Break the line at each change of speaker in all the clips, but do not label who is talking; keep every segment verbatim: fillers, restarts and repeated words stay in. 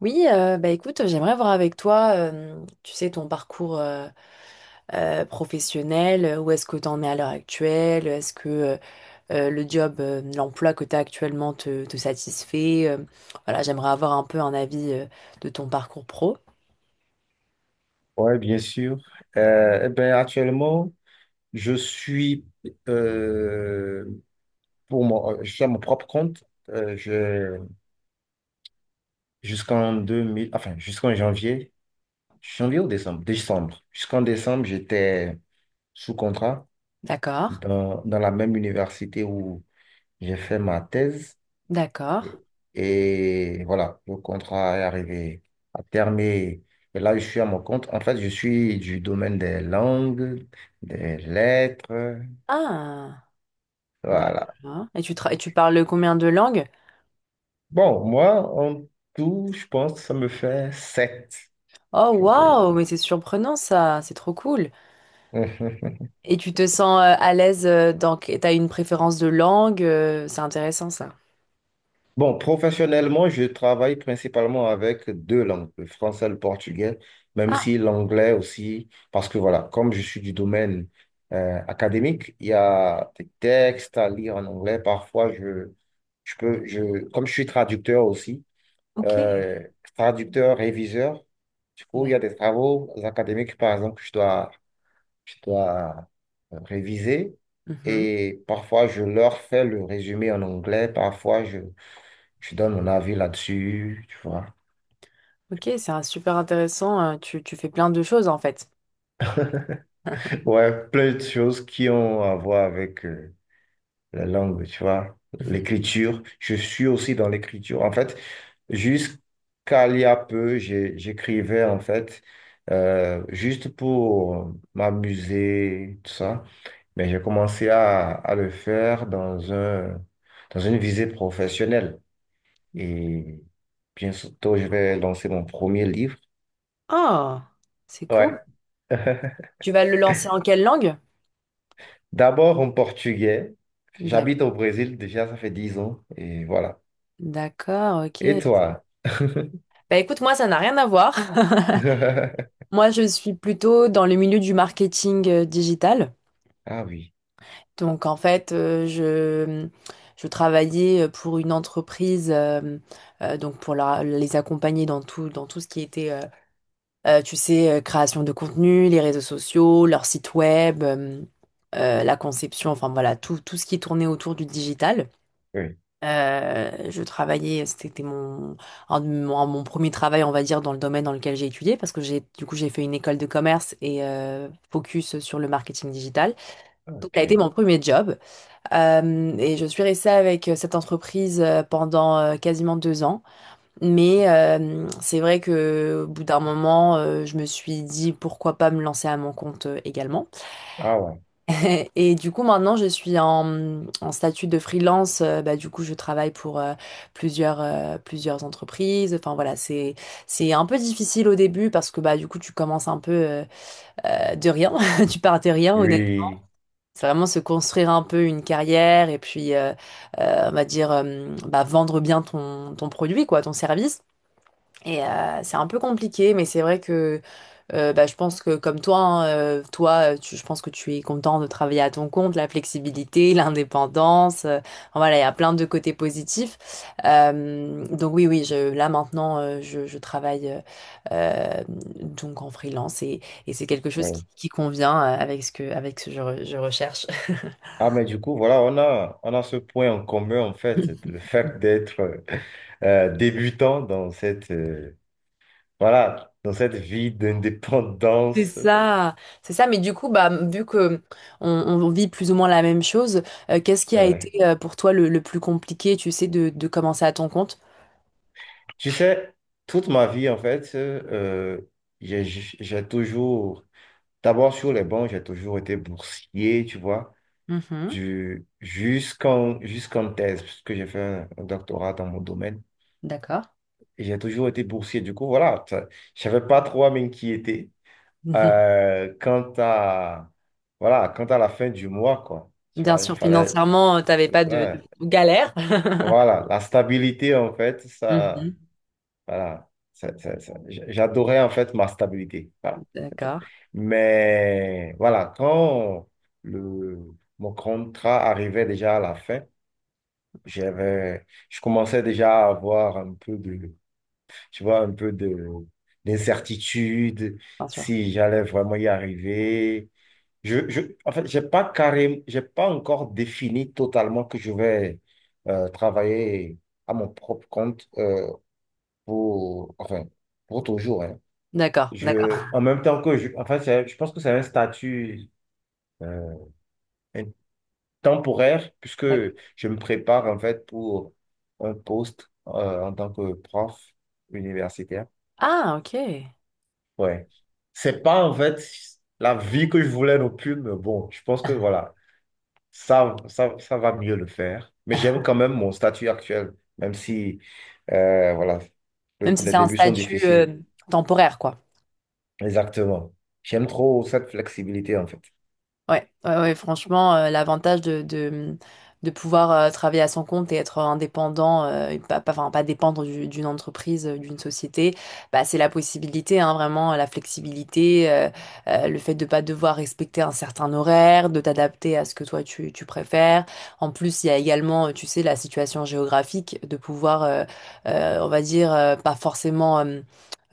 Oui, euh, bah écoute, j'aimerais voir avec toi, euh, tu sais, ton parcours euh, euh, professionnel, euh, où est-ce que tu en es à l'heure actuelle? Est-ce que euh, euh, le job, euh, l'emploi que tu as actuellement te, te satisfait? Euh, voilà, j'aimerais avoir un peu un avis euh, de ton parcours pro.
Ouais, bien sûr. Euh, eh ben, actuellement, je suis euh, pour mon, je suis à mon propre compte. Euh, je, jusqu'en deux mille, enfin, jusqu'en janvier, janvier ou décembre? Décembre. Jusqu'en décembre, j'étais sous contrat
D'accord,
dans, dans la même université où j'ai fait ma thèse.
d'accord.
Et, et voilà, le contrat est arrivé à terme. Et et là, je suis à mon compte. En fait, je suis du domaine des langues, des lettres.
Ah,
Voilà.
d'accord. Et tu, tra- et tu parles combien de langues?
Bon, moi, en tout, je pense que ça me fait sept.
Oh
Si on peut.
waouh, mais c'est surprenant ça, c'est trop cool. Et tu te sens euh, à l'aise. Euh, dans... que- t'as une préférence de langue? Euh, c'est intéressant ça.
Bon, professionnellement, je travaille principalement avec deux langues, le français et le portugais, même
Ah,
si l'anglais aussi, parce que voilà, comme je suis du domaine euh, académique, il y a des textes à lire en anglais. Parfois, je, je peux, je, comme je suis traducteur aussi,
ok.
euh, traducteur, réviseur, du coup, il y a
D'ac-
des travaux académiques, par exemple, que je dois je dois euh, réviser.
Mhm.
Et parfois, je leur fais le résumé en anglais, parfois, je, je donne mon avis là-dessus, tu vois.
Ok, c'est un super intéressant. euh, Tu, tu fais plein de choses en fait.
Ouais, plein de choses qui ont à voir avec, euh, la langue, tu vois,
Mhm.
l'écriture. Je suis aussi dans l'écriture. En fait, jusqu'à il y a peu, j'ai- j'écrivais, en fait, euh, juste pour m'amuser, tout ça. Mais j'ai commencé à, à le faire dans un, dans une visée professionnelle. Et bientôt, je vais lancer mon premier livre.
Oh, c'est
Ouais.
cool. Tu vas le lancer en quelle langue?
D'abord en portugais.
D'ac-
J'habite au Brésil déjà, ça fait dix ans. Et voilà.
D'accord,
Et
ok.
toi?
Bah écoute, moi, ça n'a rien à voir. Moi, je suis plutôt dans le milieu du marketing euh, digital.
Ah oui,
Donc, en fait, euh, je, je travaillais euh, pour une entreprise, euh, euh, donc pour la- les accompagner dans tout, dans tout ce qui était euh, Euh, tu sais, euh, création de contenu, les réseaux sociaux, leur site web, euh, euh, la conception, enfin voilà, tout, tout ce qui tournait autour du digital.
oui,
Euh, je travaillais, c'était mon, un de mon, mon premier travail, on va dire, dans le domaine dans lequel j'ai étudié, parce que j'ai, du coup, j'ai fait une école de commerce et euh, focus sur le marketing digital. Donc, ça a été
ok.
mon premier job. Euh, et je suis restée avec euh, cette entreprise euh, pendant euh, quasiment deux ans. Mais euh, c'est vrai que au bout d'un moment, euh, je me suis dit pourquoi pas me lancer à mon compte euh, également.
Ah ouais,
Et du coup, maintenant, je suis en, en statut de freelance. Euh, bah, du coup, je travaille pour euh, plusieurs, euh, plusieurs entreprises. Enfin voilà, c'est, c'est un peu difficile au début parce que bah, du coup, tu commences un peu euh, euh, de rien. Tu pars de rien, honnêtement.
oui,
C'est vraiment se construire un peu une carrière et puis, euh, euh, on va dire, euh, bah, vendre bien ton, ton produit, quoi, ton service. Et euh, c'est un peu compliqué, mais c'est vrai que euh, bah, je pense que comme toi, hein, euh, toi, euh, tu- je pense que tu es content de travailler à ton compte, la flexibilité, l'indépendance. euh, enfin, voilà, il y a plein de côtés positifs. Euh, donc oui, oui, je, là maintenant, euh, je, je travaille euh, euh, donc en freelance et, et c'est quelque chose qui,
oui.
qui convient euh, avec ce que, avec ce que je re- je recherche.
Ah mais du coup, voilà, on a, on a ce point en commun en fait, c'est le fait d'être euh, euh, débutant dans cette, euh, voilà, dans cette vie
C'est
d'indépendance.
ça, c'est ça. Mais du coup, bah, vu que on, on vit plus ou moins la même chose, euh, qu'est-ce qui
Ouais,
a été
ouais.
euh, pour toi le, le plus compliqué, tu sais, de, de commencer à ton compte?
Tu sais, toute ma vie en fait, euh, j'ai j'ai toujours, d'abord sur les bancs, j'ai toujours été boursier, tu vois,
Mhm,
du, jusqu'en, jusqu'en thèse, puisque j'ai fait un un doctorat dans mon domaine.
d'accord.
Et j'ai toujours été boursier. Du coup, voilà, ça- je savais pas trop à m'inquiéter euh, quant à, voilà, quant à la fin du mois, quoi.
Mhm.
Tu
Bien
vois, il
sûr,
fallait...
financièrement, tu t'avais pas de,
Ouais.
de galère.
Voilà, la stabilité, en fait, ça...
Mhm,
Voilà, ça- ça- ça- j- j'adorais, en fait, ma stabilité. Voilà, c'est tout.
d'accord,
Mais, voilà, quand le, mon contrat arrivait déjà à la fin, j'avais, je commençais déjà à avoir un peu de... tu vois, un peu de d'incertitude,
bien sûr.
si j'allais vraiment y arriver. Je, je, en fait, j'ai pas carré, j'ai pas encore défini totalement que je vais euh, travailler à mon propre compte euh, pour, enfin, pour toujours, hein.
D'accord, d'accord,
Je, en même temps que je, enfin, c'est- je pense que c'est un statut euh, un- temporaire puisque
d'accord.
je me prépare en fait pour un poste euh, en tant que prof universitaire.
Ah, ok.
Ouais. C'est pas en fait la vie que je voulais non plus, mais bon, je pense que voilà, ça, ça, ça va mieux le faire. Mais j'aime quand même mon statut actuel, même si euh, voilà,
Même
le-
si
les
c'est un
débuts sont
statut euh,
difficiles.
temporaire, quoi.
Exactement. J'aime trop cette flexibilité en fait.
Ouais, ouais, ouais, franchement, euh, l'avantage de, de, de pouvoir euh, travailler à son compte et être indépendant, euh, et pas, pas, enfin, pas dépendre du- d'une entreprise, euh, d'une société, bah, c'est la possibilité, hein, vraiment, la flexibilité, euh, euh, le fait de pas devoir respecter un certain horaire, de t'adapter à ce que toi tu, tu préfères. En plus, il y a également, euh, tu sais, la situation géographique, de pouvoir, euh, euh, on va dire, euh, pas forcément, euh,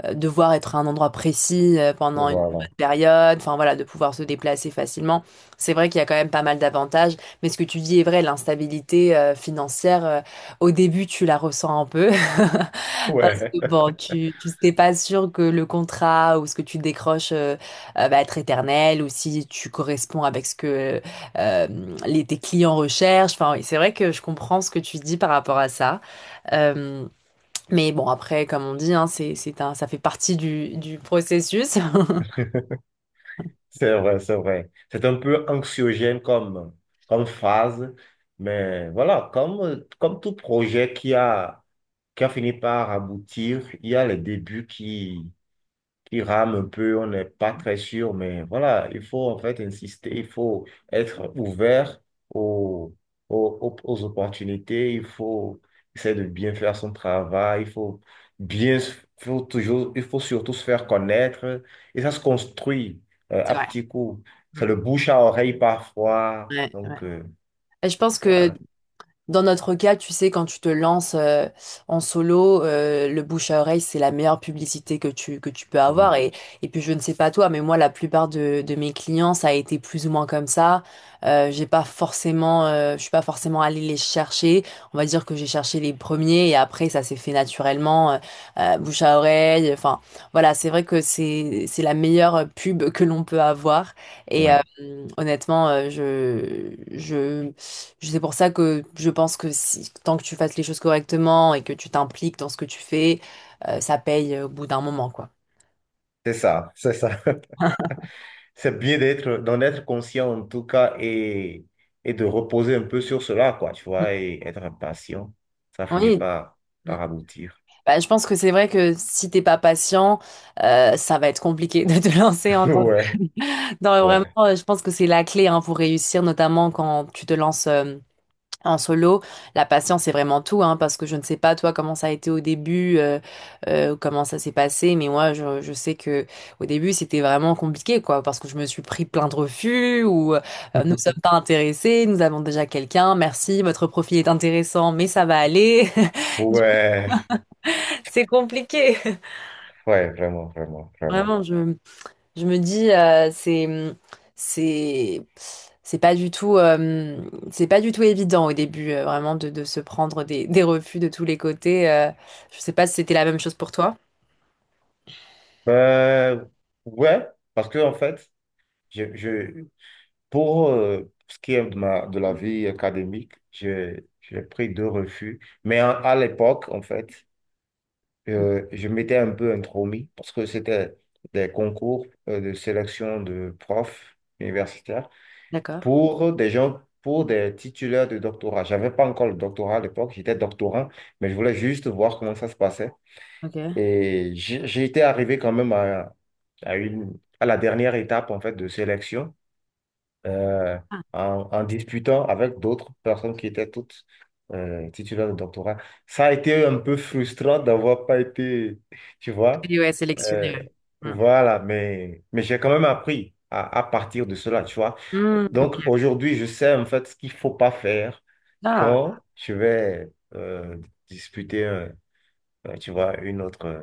euh, devoir être à un endroit précis euh, pendant une bonne
Voilà.
période, enfin voilà, de pouvoir se déplacer facilement. C'est vrai qu'il y a quand même pas mal d'avantages, mais ce que tu dis est vrai, l'instabilité euh, financière, euh, au début, tu la ressens un peu. Parce
Ouais.
que bon, tu, tu n'es pas sûr que le contrat ou ce que tu décroches euh, euh, va être éternel ou si tu corresponds avec ce que euh, les, tes clients recherchent. Enfin, oui, c'est vrai que je comprends ce que tu dis par rapport à ça. Euh, mais bon, après, comme on dit, hein, c'est, c'est un, ça fait partie du, du processus.
C'est vrai, c'est vrai. C'est un peu anxiogène comme, comme phase, mais voilà, comme, comme tout projet qui a, qui a fini par aboutir, il y a les débuts qui, qui rame un peu, on n'est pas très sûr, mais voilà, il faut en fait insister, il faut être ouvert aux, aux, aux- aux opportunités, il faut essayer de bien faire son travail, il faut bien, s- faut toujours, il faut surtout se faire connaître, et ça se construit euh,
C'est
à
vrai.
petits coups.
Mm.
C'est le bouche à oreille parfois,
Ouais, ouais.
donc euh,
Et je pense que
voilà,
dans notre cas, tu sais, quand tu te lances euh, en solo, euh, le bouche à oreille, c'est la meilleure publicité que tu, que tu peux
oui,
avoir. Et, et puis, je ne sais pas toi, mais moi, la plupart de, de mes clients, ça a été plus ou moins comme ça. Euh, j'ai pas forcément, euh, je suis pas forcément allée les chercher. On va dire que j'ai cherché les premiers et après, ça s'est fait naturellement, euh, euh, bouche à oreille. Enfin, voilà, c'est vrai que c'est, c'est la meilleure pub que l'on peut avoir. Et euh,
oui,
honnêtement, euh, je, je c'est pour ça que je pense que si, tant que tu fasses les choses correctement et que tu t'impliques dans ce que tu fais, euh, ça paye euh, au bout d'un moment, quoi.
c'est ça, c'est ça. C'est bien d'être, d'en être conscient en tout cas et, et de reposer un peu sur cela, quoi, tu
Mm.
vois, et être impatient. Ça finit
Oui.
par,
Mm.
par aboutir.
Bah, je pense que c'est vrai que si t'es pas patient, euh, ça va être compliqué de te lancer en tant que...
Ouais,
Non, mais vraiment,
ouais.
euh, je pense que c'est la clé hein, pour réussir, notamment quand tu te lances. euh, En solo, la patience, c'est vraiment tout, hein, parce que je ne sais pas, toi, comment ça a été au début, euh, euh, comment ça s'est passé, mais moi, je, je sais que au début, c'était vraiment compliqué, quoi, parce que je me suis pris plein de refus, ou euh, euh, nous sommes pas intéressés, nous avons déjà quelqu'un, merci, votre profil est intéressant, mais ça va aller. Du coup,
Ouais,
C'est compliqué.
ouais, vraiment, vraiment, vraiment.
Vraiment, je, je me dis, euh, c'est, c'est, C'est pas du tout, euh, c'est pas du tout évident au début, euh, vraiment, de, de se prendre des, des refus de tous les côtés. euh. je sais pas si c'était la même chose pour toi.
Euh, ouais, parce que en fait, je, je, pour euh, ce qui est de ma, de la vie académique, je, j'ai pris deux refus. Mais à, à l'époque, en fait, Euh, je m'étais un peu intromis parce que c'était des concours euh, de sélection de profs universitaires
D'accord,
pour des gens, pour des titulaires de doctorat. J'avais pas encore le doctorat à l'époque, j'étais doctorant, mais je voulais juste voir comment ça se passait.
ok.
Et j'ai j'ai été arrivé quand même à, à une, à la dernière étape en fait de sélection euh,
Ah,
en, en disputant avec d'autres personnes qui étaient toutes euh, titulaires de doctorat. Ça a été un peu frustrant d'avoir pas été, tu vois.
oui, ouais, sélectionné.
Euh,
ouais.
voilà, mais, mais j'ai quand même appris à, à partir de cela, tu vois.
Mm.
Donc
Mm.
aujourd'hui, je sais en fait ce qu'il faut pas faire
Ah,
quand je vais euh, disputer, un- un, tu vois, une autre, euh,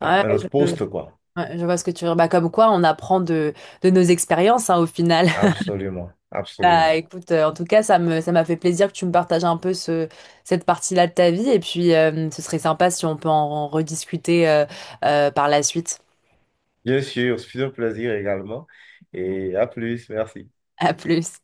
ouais,
un autre
je,
poste, quoi.
ouais, je vois ce que tu veux dire. Bah, comme quoi, on apprend de, de nos expériences, hein, au final.
Absolument,
Bah,
absolument.
écoute, euh, en tout cas, ça me, ça m'a fait plaisir que tu me partages un peu ce, cette partie-là de ta vie. Et puis, euh, ce serait sympa si on peut en, en rediscuter euh, euh, par la suite.
Bien sûr, c'est un plaisir également. Et à plus, merci.
À plus.